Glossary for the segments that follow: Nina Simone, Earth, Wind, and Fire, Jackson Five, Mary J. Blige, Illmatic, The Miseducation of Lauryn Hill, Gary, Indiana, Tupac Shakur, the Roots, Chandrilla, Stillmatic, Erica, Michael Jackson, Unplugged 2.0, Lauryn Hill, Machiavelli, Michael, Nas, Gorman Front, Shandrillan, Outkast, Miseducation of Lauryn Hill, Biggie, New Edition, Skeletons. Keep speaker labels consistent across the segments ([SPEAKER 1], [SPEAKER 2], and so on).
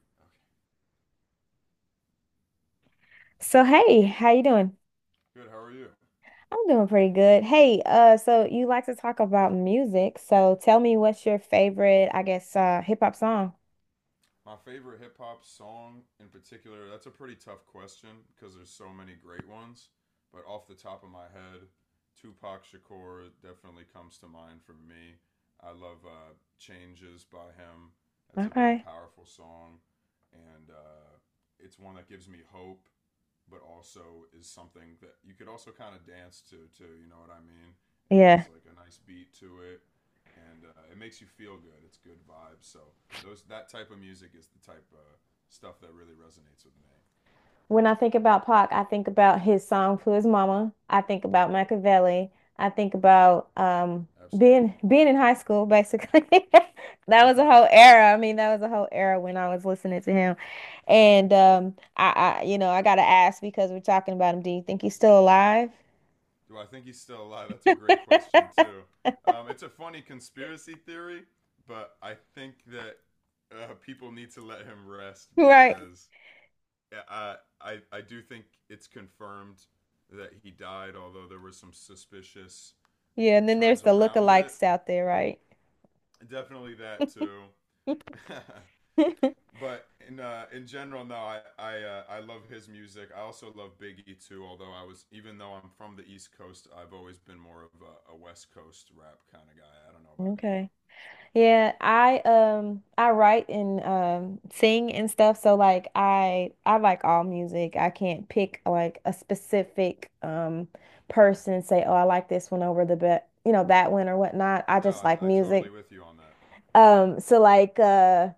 [SPEAKER 1] Okay.
[SPEAKER 2] So hey, how you doing?
[SPEAKER 1] Good. How are you?
[SPEAKER 2] I'm doing pretty good. Hey, so you like to talk about music. So tell me what's your favorite, hip hop song?
[SPEAKER 1] My favorite hip hop song in particular, that's a pretty tough question because there's so many great ones. But off the top of my head, Tupac Shakur definitely comes to mind for me. I love Changes by him. That's a very
[SPEAKER 2] Okay.
[SPEAKER 1] powerful song. And it's one that gives me hope, but also is something that you could also kind of dance to, too. You know what I mean? It
[SPEAKER 2] Yeah.
[SPEAKER 1] has like a nice beat to it and it makes you feel good. It's good vibes. So those, that type of music is the type of stuff that really resonates with me.
[SPEAKER 2] When I think about Pac, I think about his song to his mama. I think about Machiavelli. I think about um
[SPEAKER 1] Absolutely.
[SPEAKER 2] being being in high school, basically. That was a
[SPEAKER 1] Yeah,
[SPEAKER 2] whole
[SPEAKER 1] of course.
[SPEAKER 2] era. I mean, that was a whole era when I was listening to him. And I gotta ask because we're talking about him. Do you think he's still alive?
[SPEAKER 1] Do I think he's still alive? That's a great question too. It's a funny conspiracy theory, but I think that people need to let him rest
[SPEAKER 2] Right.
[SPEAKER 1] because, yeah, I do think it's confirmed that he died, although there were some suspicious
[SPEAKER 2] Yeah, and then there's
[SPEAKER 1] terms
[SPEAKER 2] the
[SPEAKER 1] around it.
[SPEAKER 2] lookalikes out there, right?
[SPEAKER 1] Definitely that too. But in general, no, I love his music. I also love Biggie too. Although I was, even though I'm from the East Coast, I've always been more of a, West Coast rap kind of guy. I don't know about you.
[SPEAKER 2] Okay. Yeah, I write and sing and stuff, so like I like all music. I can't pick like a specific person and say, "Oh, I like this one over the bet, you know, that one or whatnot." I
[SPEAKER 1] No,
[SPEAKER 2] just like
[SPEAKER 1] I totally
[SPEAKER 2] music.
[SPEAKER 1] with you on that.
[SPEAKER 2] Um so like uh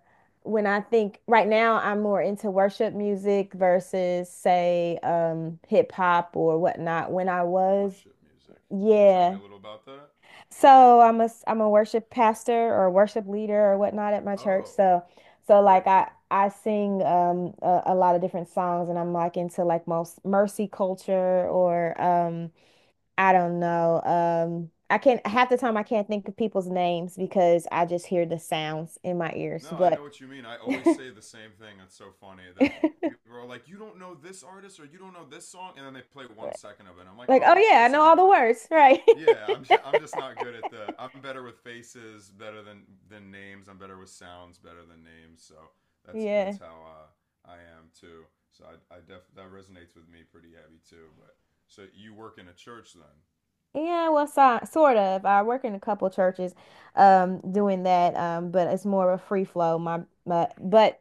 [SPEAKER 2] when I think right now I'm more into worship music versus say hip hop or whatnot. When I was.
[SPEAKER 1] Worship music. Can you tell me
[SPEAKER 2] Yeah.
[SPEAKER 1] a little about that?
[SPEAKER 2] So I'm a worship pastor or worship leader or whatnot at my church.
[SPEAKER 1] Oh,
[SPEAKER 2] So so
[SPEAKER 1] very
[SPEAKER 2] like I
[SPEAKER 1] cool.
[SPEAKER 2] I sing a lot of different songs and I'm like into like most mercy culture or I don't know. I can't Half the time I can't think of people's names because I just hear the sounds in my ears.
[SPEAKER 1] No, I know
[SPEAKER 2] But
[SPEAKER 1] what you mean. I always say the same thing. That's so funny
[SPEAKER 2] like
[SPEAKER 1] that people are like, "You don't know this artist or you don't know this song," and then they play 1 second of it. I'm like, "Oh,
[SPEAKER 2] oh
[SPEAKER 1] of
[SPEAKER 2] yeah, I
[SPEAKER 1] course
[SPEAKER 2] know
[SPEAKER 1] I
[SPEAKER 2] all
[SPEAKER 1] know
[SPEAKER 2] the
[SPEAKER 1] that."
[SPEAKER 2] words, right.
[SPEAKER 1] Yeah, I'm I'm just not good at the. I'm better with faces, better than names. I'm better with sounds, better than names. So that's
[SPEAKER 2] Yeah.
[SPEAKER 1] how I am too. So I def that resonates with me pretty heavy too. But so you work in a church then,
[SPEAKER 2] Yeah, well, so, sort of. I work in a couple churches, doing that. But it's more of a free flow.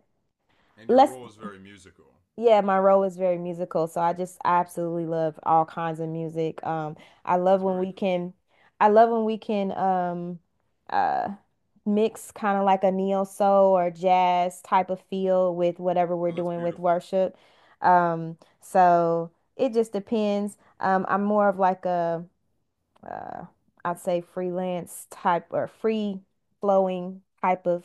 [SPEAKER 1] and your
[SPEAKER 2] let's,
[SPEAKER 1] role is very musical.
[SPEAKER 2] yeah, my role is very musical. So I absolutely love all kinds of music. I love
[SPEAKER 1] That's
[SPEAKER 2] when
[SPEAKER 1] very
[SPEAKER 2] we
[SPEAKER 1] cool.
[SPEAKER 2] can, I love when we can, uh, mix kind of like a neo soul or jazz type of feel with whatever we're
[SPEAKER 1] Oh, that's
[SPEAKER 2] doing with
[SPEAKER 1] beautiful.
[SPEAKER 2] worship. So it just depends. I'm more of like a uh, I'd say freelance type or free flowing type of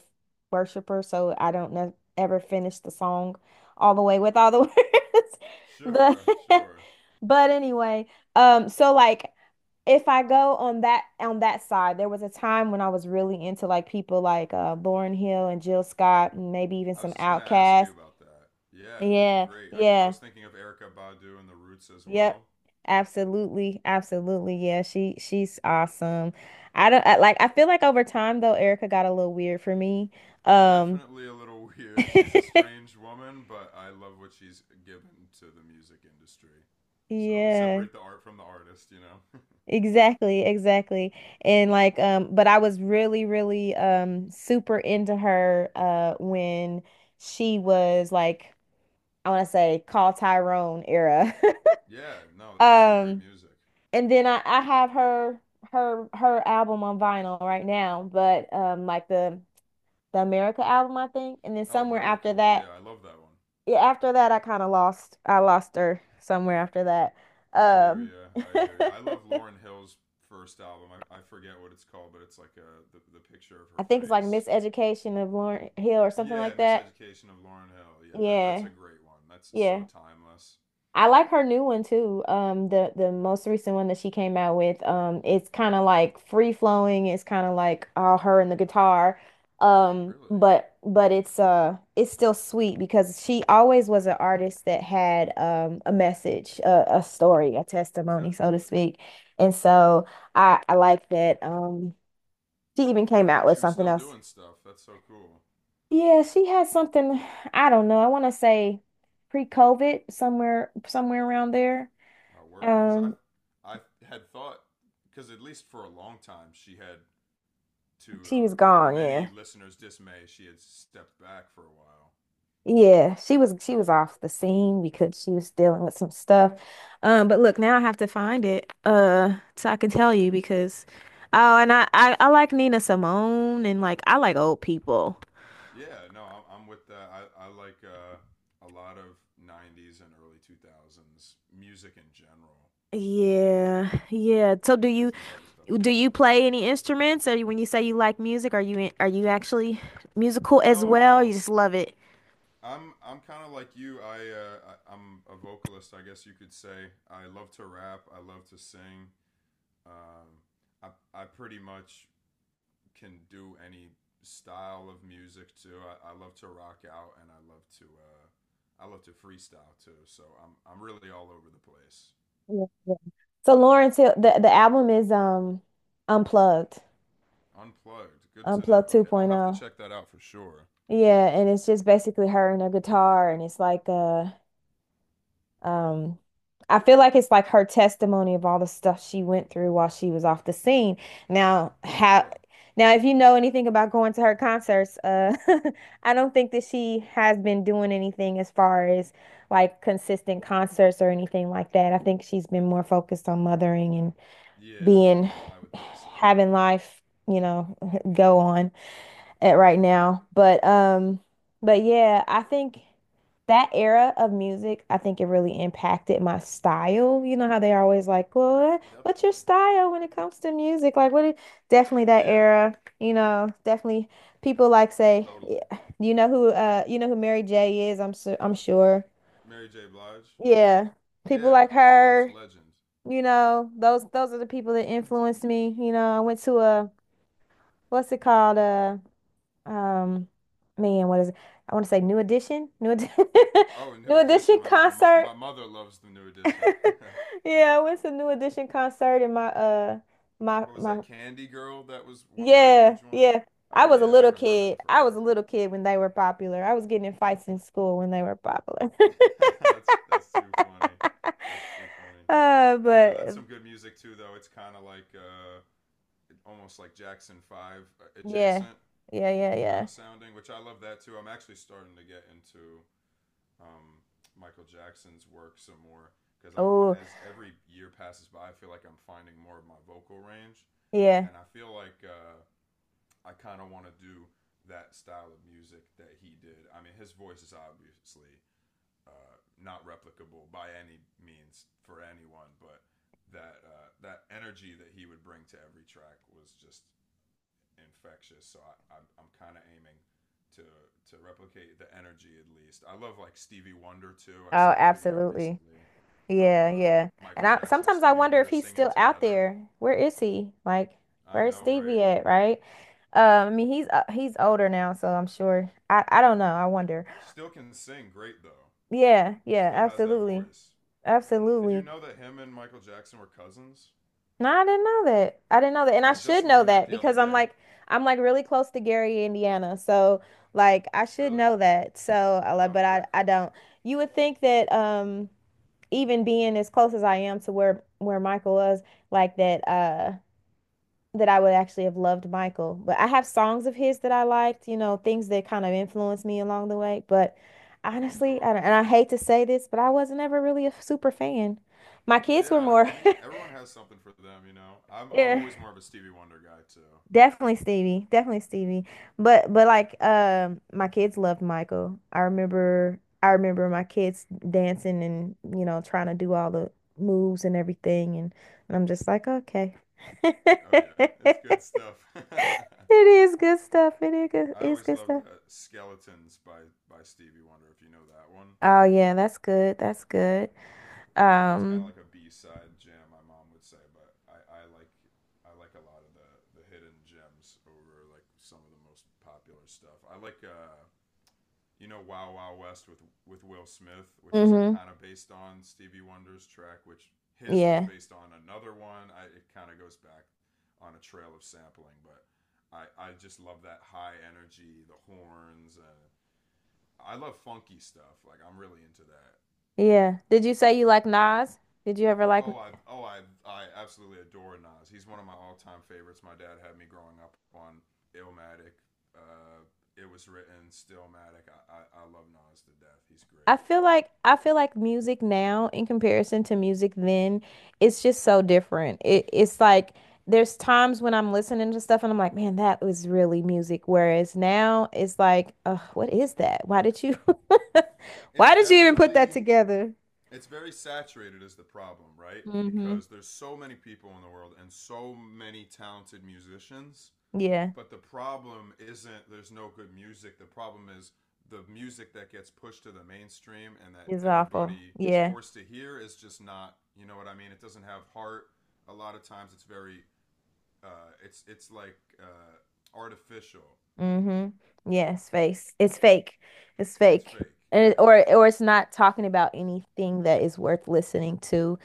[SPEAKER 2] worshiper. So I don't ne ever finish the song all the way with all the words. But
[SPEAKER 1] Sure, sure.
[SPEAKER 2] but anyway, so like if I go on that side, there was a time when I was really into like people like Lauryn Hill and Jill Scott and maybe even
[SPEAKER 1] I
[SPEAKER 2] some
[SPEAKER 1] was just gonna ask
[SPEAKER 2] Outkast.
[SPEAKER 1] you about that. Yeah,
[SPEAKER 2] Yeah,
[SPEAKER 1] great. I
[SPEAKER 2] yeah.
[SPEAKER 1] was thinking of Erica Badu and the Roots as
[SPEAKER 2] Yep.
[SPEAKER 1] well.
[SPEAKER 2] Absolutely. Absolutely. Yeah, she's awesome. I don't I, like I feel like over time though, Erica got a little weird for me. Um.
[SPEAKER 1] Definitely a little weird. She's a strange woman, but I love what she's given to the music industry. So I
[SPEAKER 2] Yeah.
[SPEAKER 1] separate the art from the artist, you know?
[SPEAKER 2] Exactly, exactly. And like but I was really, really super into her when she was like, I want to say, call Tyrone era.
[SPEAKER 1] Yeah, no, that's some great
[SPEAKER 2] Um,
[SPEAKER 1] music.
[SPEAKER 2] and then I have her album on vinyl right now, but like the America album, I think. And then
[SPEAKER 1] Oh,
[SPEAKER 2] somewhere
[SPEAKER 1] very
[SPEAKER 2] after
[SPEAKER 1] cool. Yeah,
[SPEAKER 2] that,
[SPEAKER 1] I love that one.
[SPEAKER 2] yeah, after that I kind of lost her somewhere after that.
[SPEAKER 1] I hear
[SPEAKER 2] Um.
[SPEAKER 1] you. I hear you. I love Lauren Hill's first album. I forget what it's called, but it's like the picture of
[SPEAKER 2] I
[SPEAKER 1] her
[SPEAKER 2] think it's like
[SPEAKER 1] face.
[SPEAKER 2] Miseducation of Lauryn Hill or something
[SPEAKER 1] Yeah,
[SPEAKER 2] like that.
[SPEAKER 1] Miseducation of Lauren Hill. Yeah, that's a
[SPEAKER 2] Yeah.
[SPEAKER 1] great one. That's so
[SPEAKER 2] Yeah.
[SPEAKER 1] timeless.
[SPEAKER 2] I like her new one too. The most recent one that she came out with, it's kind of like free flowing. It's kind of like all her and the guitar,
[SPEAKER 1] Really?
[SPEAKER 2] but it's still sweet because she always was an artist that had a message, a story, a testimony, so to
[SPEAKER 1] Definitely.
[SPEAKER 2] speak. And so I like that. She even
[SPEAKER 1] I
[SPEAKER 2] came
[SPEAKER 1] didn't
[SPEAKER 2] out
[SPEAKER 1] know
[SPEAKER 2] with
[SPEAKER 1] she was
[SPEAKER 2] something
[SPEAKER 1] still
[SPEAKER 2] else.
[SPEAKER 1] doing stuff. That's so cool.
[SPEAKER 2] Yeah, she has something. I don't know. I want to say pre-COVID, somewhere around there.
[SPEAKER 1] Oh, word, because I,
[SPEAKER 2] Um,
[SPEAKER 1] I had thought, because at least for a long time she had, to
[SPEAKER 2] She
[SPEAKER 1] uh,
[SPEAKER 2] was gone,
[SPEAKER 1] many
[SPEAKER 2] yeah.
[SPEAKER 1] listeners' dismay, she had stepped back for a while.
[SPEAKER 2] Yeah, she was off the scene because she was dealing with some stuff. But look, now I have to find it so I can tell you because oh, and I like Nina Simone and like I like old people.
[SPEAKER 1] Yeah, no, I'm with that. I like a lot of '90s and early 2000s music in general.
[SPEAKER 2] Yeah. Yeah. So do
[SPEAKER 1] i-
[SPEAKER 2] you,
[SPEAKER 1] Is the type of stuff I
[SPEAKER 2] do you
[SPEAKER 1] really rock
[SPEAKER 2] play
[SPEAKER 1] with.
[SPEAKER 2] any instruments? Or when you say you like music, are you actually musical as
[SPEAKER 1] No,
[SPEAKER 2] well? Or you
[SPEAKER 1] no,
[SPEAKER 2] just love it?
[SPEAKER 1] I'm kind of like you. I'm a vocalist, I guess you could say. I love to rap. I love to sing. Um, I I pretty much can do any style of music too. I love to rock out and I love to freestyle too. So I'm really all over the place.
[SPEAKER 2] Yeah, yeah. So Lawrence Hill, the album is Unplugged,
[SPEAKER 1] Unplugged. Good to know.
[SPEAKER 2] Unplugged
[SPEAKER 1] Okay, I'll have to
[SPEAKER 2] 2.0.
[SPEAKER 1] check that out for sure.
[SPEAKER 2] Yeah, and it's just basically her and her guitar, and it's like um I feel like it's like her testimony of all the stuff she went through while she was off the scene. Now, how
[SPEAKER 1] Sure.
[SPEAKER 2] Now if you know anything about going to her concerts, I don't think that she has been doing anything as far as like consistent concerts or anything like that. I think she's been more focused on mothering and
[SPEAKER 1] Yeah,
[SPEAKER 2] being,
[SPEAKER 1] I would think so.
[SPEAKER 2] having life, you know, go on at right now. But yeah, I think that era of music, I think it really impacted my style. You know how they're always like, "Well, what- what's your
[SPEAKER 1] Definitely.
[SPEAKER 2] style when it comes to music?" Like what is definitely that
[SPEAKER 1] Yeah,
[SPEAKER 2] era, you know, definitely people like, say, yeah,
[SPEAKER 1] totally.
[SPEAKER 2] you know who Mary J is, I'm sure.
[SPEAKER 1] Mary J. Blige.
[SPEAKER 2] Yeah. People like
[SPEAKER 1] Yeah, of course.
[SPEAKER 2] her,
[SPEAKER 1] Legend.
[SPEAKER 2] you know, those are the people that influenced me. You know, I went to a, what's it called? Um, man, what is it? I want to say New Edition,
[SPEAKER 1] Oh, New
[SPEAKER 2] New
[SPEAKER 1] Edition.
[SPEAKER 2] Edition
[SPEAKER 1] My my mo-
[SPEAKER 2] concert.
[SPEAKER 1] my mother loves the New Edition.
[SPEAKER 2] Yeah, I went to New Edition concert in
[SPEAKER 1] What was
[SPEAKER 2] my.
[SPEAKER 1] that? Candy Girl. That was what their
[SPEAKER 2] Yeah,
[SPEAKER 1] huge one.
[SPEAKER 2] yeah. I
[SPEAKER 1] Oh
[SPEAKER 2] was a
[SPEAKER 1] yeah, I
[SPEAKER 2] little
[SPEAKER 1] haven't heard that in
[SPEAKER 2] kid. I was
[SPEAKER 1] forever.
[SPEAKER 2] a little kid when they were popular. I was getting in fights in school when they were popular.
[SPEAKER 1] That's too funny. That's too funny. Yeah, that's
[SPEAKER 2] But
[SPEAKER 1] some good music too, though. It's kind of like almost like Jackson Five
[SPEAKER 2] yeah.
[SPEAKER 1] adjacent
[SPEAKER 2] Yeah, yeah,
[SPEAKER 1] kind
[SPEAKER 2] yeah.
[SPEAKER 1] of sounding, which I love that too. I'm actually starting to get into um, Michael Jackson's work some more because, I'm
[SPEAKER 2] Oh,
[SPEAKER 1] as every year passes by, I feel like I'm finding more of my vocal range,
[SPEAKER 2] yeah.
[SPEAKER 1] and I feel like I kind of want to do that style of music that he did. I mean, his voice is obviously not replicable by any means for anyone, but that energy that he would bring to every track was just infectious. So I'm kind of aiming to to replicate the energy at least. I love like Stevie Wonder too. I
[SPEAKER 2] Oh,
[SPEAKER 1] saw a video
[SPEAKER 2] absolutely.
[SPEAKER 1] recently of
[SPEAKER 2] Yeah, yeah. And
[SPEAKER 1] Michael
[SPEAKER 2] I
[SPEAKER 1] Jackson and
[SPEAKER 2] sometimes I
[SPEAKER 1] Stevie
[SPEAKER 2] wonder if
[SPEAKER 1] Wonder
[SPEAKER 2] he's
[SPEAKER 1] singing
[SPEAKER 2] still out
[SPEAKER 1] together.
[SPEAKER 2] there. Where is he? Like,
[SPEAKER 1] I
[SPEAKER 2] where's
[SPEAKER 1] know, right?
[SPEAKER 2] Stevie at, right? Um, I mean, he's older now, so I'm sure. I don't know. I wonder.
[SPEAKER 1] Still can sing great though.
[SPEAKER 2] Yeah,
[SPEAKER 1] He
[SPEAKER 2] yeah,
[SPEAKER 1] still has that
[SPEAKER 2] absolutely.
[SPEAKER 1] voice. Did you
[SPEAKER 2] Absolutely.
[SPEAKER 1] know that him and Michael Jackson were cousins?
[SPEAKER 2] No, I didn't know that. I didn't know that. And I
[SPEAKER 1] I
[SPEAKER 2] should
[SPEAKER 1] just
[SPEAKER 2] know
[SPEAKER 1] learned that
[SPEAKER 2] that
[SPEAKER 1] the other
[SPEAKER 2] because
[SPEAKER 1] day.
[SPEAKER 2] I'm like really close to Gary, Indiana. So, like I should
[SPEAKER 1] Really?
[SPEAKER 2] know that. I like,
[SPEAKER 1] Oh,
[SPEAKER 2] but
[SPEAKER 1] very
[SPEAKER 2] I
[SPEAKER 1] cool.
[SPEAKER 2] don't. You would think that even being as close as I am to where Michael was, like that I would actually have loved Michael, but I have songs of his that I liked, you know, things that kind of influenced me along the way. But honestly,
[SPEAKER 1] Sure.
[SPEAKER 2] I don't, and I hate to say this, but I wasn't ever really a super fan. My kids were
[SPEAKER 1] Yeah, I, don't-
[SPEAKER 2] more,
[SPEAKER 1] I mean, everyone has something for them, you know. I'm I'm
[SPEAKER 2] yeah,
[SPEAKER 1] always more of a Stevie Wonder guy too.
[SPEAKER 2] definitely Stevie, definitely Stevie. But like, my kids loved Michael. I remember my kids dancing and you know trying to do all the moves and everything, and I'm just like, okay.
[SPEAKER 1] Oh yeah, it's good stuff.
[SPEAKER 2] It is good stuff. It
[SPEAKER 1] I
[SPEAKER 2] is
[SPEAKER 1] always
[SPEAKER 2] good
[SPEAKER 1] loved
[SPEAKER 2] stuff.
[SPEAKER 1] that "Skeletons" by Stevie Wonder. If you know that one,
[SPEAKER 2] Oh yeah, that's good. That's good.
[SPEAKER 1] it's kind of
[SPEAKER 2] Um,
[SPEAKER 1] like a B side jam. My mom would say, but I like a lot of the hidden gems over like some of the most popular stuff. I like you know Wow Wow West with Will Smith, which is like
[SPEAKER 2] mhm.
[SPEAKER 1] kind of based on Stevie Wonder's track, which his was
[SPEAKER 2] Yeah.
[SPEAKER 1] based on another one. It kind of goes back on a trail of sampling, but I just love that high energy, the horns, and I love funky stuff. Like I'm really into that.
[SPEAKER 2] Yeah. Did you say you like Nas? Did you ever like,
[SPEAKER 1] Oh, I absolutely adore Nas. He's one of my all-time favorites. My dad had me growing up on Illmatic. Uh, it was written Stillmatic. I love Nas to death. He's great.
[SPEAKER 2] I feel like music now in comparison to music then, it's just so different. It it's like there's times when I'm listening to stuff and I'm like, man, that was really music. Whereas now it's like, what is that? Why did you
[SPEAKER 1] It's
[SPEAKER 2] why did you even put that
[SPEAKER 1] definitely
[SPEAKER 2] together?
[SPEAKER 1] it's very saturated is the problem, right?
[SPEAKER 2] Mm-hmm.
[SPEAKER 1] Because there's so many people in the world and so many talented musicians,
[SPEAKER 2] Yeah.
[SPEAKER 1] but the problem isn't there's no good music. The problem is the music that gets pushed to the mainstream and that
[SPEAKER 2] It's awful.
[SPEAKER 1] everybody is
[SPEAKER 2] Yeah.
[SPEAKER 1] forced to hear is just not, you know what I mean? It doesn't have heart. A lot of times it's very it's like artificial.
[SPEAKER 2] Mm-hmm. Yes, face. It's fake. It's
[SPEAKER 1] It's
[SPEAKER 2] fake.
[SPEAKER 1] fake.
[SPEAKER 2] And it,
[SPEAKER 1] Yeah.
[SPEAKER 2] or it's not talking about anything that is worth listening to,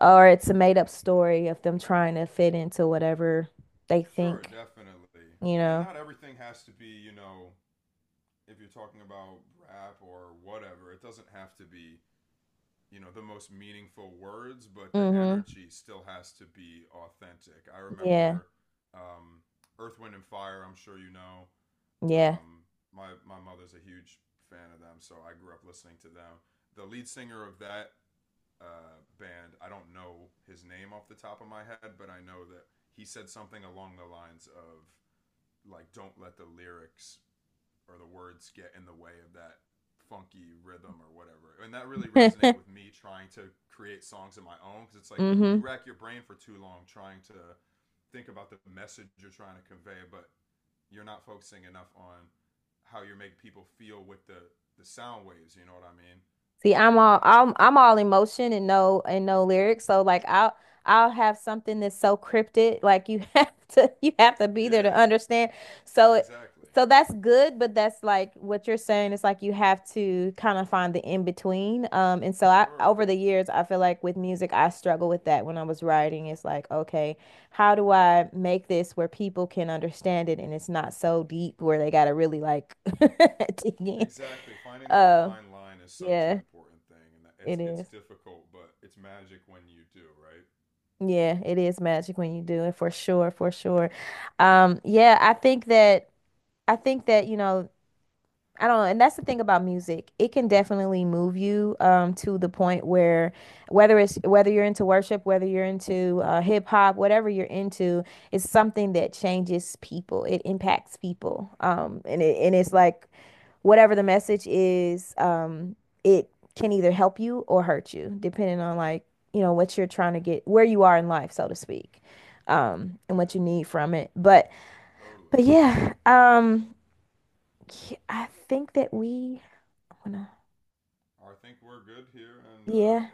[SPEAKER 2] or it's a made up story of them trying to fit into whatever they
[SPEAKER 1] Sure,
[SPEAKER 2] think,
[SPEAKER 1] definitely.
[SPEAKER 2] you
[SPEAKER 1] And
[SPEAKER 2] know.
[SPEAKER 1] not everything has to be, if you're talking about rap or whatever, it doesn't have to be, the most meaningful words, but the
[SPEAKER 2] Mm-hmm.
[SPEAKER 1] energy still has to be authentic. I
[SPEAKER 2] Yeah.
[SPEAKER 1] remember um, Earth, Wind, and Fire, I'm sure you know.
[SPEAKER 2] Yeah.
[SPEAKER 1] Um, my mother's a huge fan of them, so I grew up listening to them. The lead singer of that band, I don't know his name off the top of my head, but I know that he said something along the lines of, like, don't let the lyrics or the words get in the way of that funky rhythm or whatever. And that really resonated with me trying to create songs of my own because it's like you
[SPEAKER 2] Mm-hmm.
[SPEAKER 1] rack your brain for too long trying to think about the message you're trying to convey, but you're not focusing enough on how you make people feel with the sound waves. You know what I mean?
[SPEAKER 2] See, I'm all emotion and no, and no lyrics. So like I'll have something that's so cryptic, like you have to, you have to be there to
[SPEAKER 1] Yeah,
[SPEAKER 2] understand. So it
[SPEAKER 1] exactly.
[SPEAKER 2] so that's good, but that's like what you're saying is like you have to kind of find the in between. And so I,
[SPEAKER 1] Sure.
[SPEAKER 2] over the years, I feel like with music I struggle with that when I was writing. It's like, okay, how do I make this where people can understand it and it's not so deep where they gotta really like dig in.
[SPEAKER 1] Exactly. Finding that
[SPEAKER 2] Uh,
[SPEAKER 1] fine line is such an
[SPEAKER 2] yeah.
[SPEAKER 1] important thing, and that it's
[SPEAKER 2] It
[SPEAKER 1] it's
[SPEAKER 2] is.
[SPEAKER 1] difficult, but it's magic when you do, right?
[SPEAKER 2] Yeah, it is magic when you do it, for sure, for sure. Yeah, I think that, you know, I don't know, and that's the thing about music. It can definitely move you to the point where whether it's, whether you're into worship, whether you're into hip hop, whatever you're into, it's something that changes people. It impacts people. Um, and it and it's like whatever the message is, it can either help you or hurt you, depending on like, you know, what you're trying to get, where you are in life, so to speak, and
[SPEAKER 1] Yeah,
[SPEAKER 2] what you need from it.
[SPEAKER 1] totally.
[SPEAKER 2] But yeah, I think that we I wanna,
[SPEAKER 1] I think we're good here, and
[SPEAKER 2] yeah,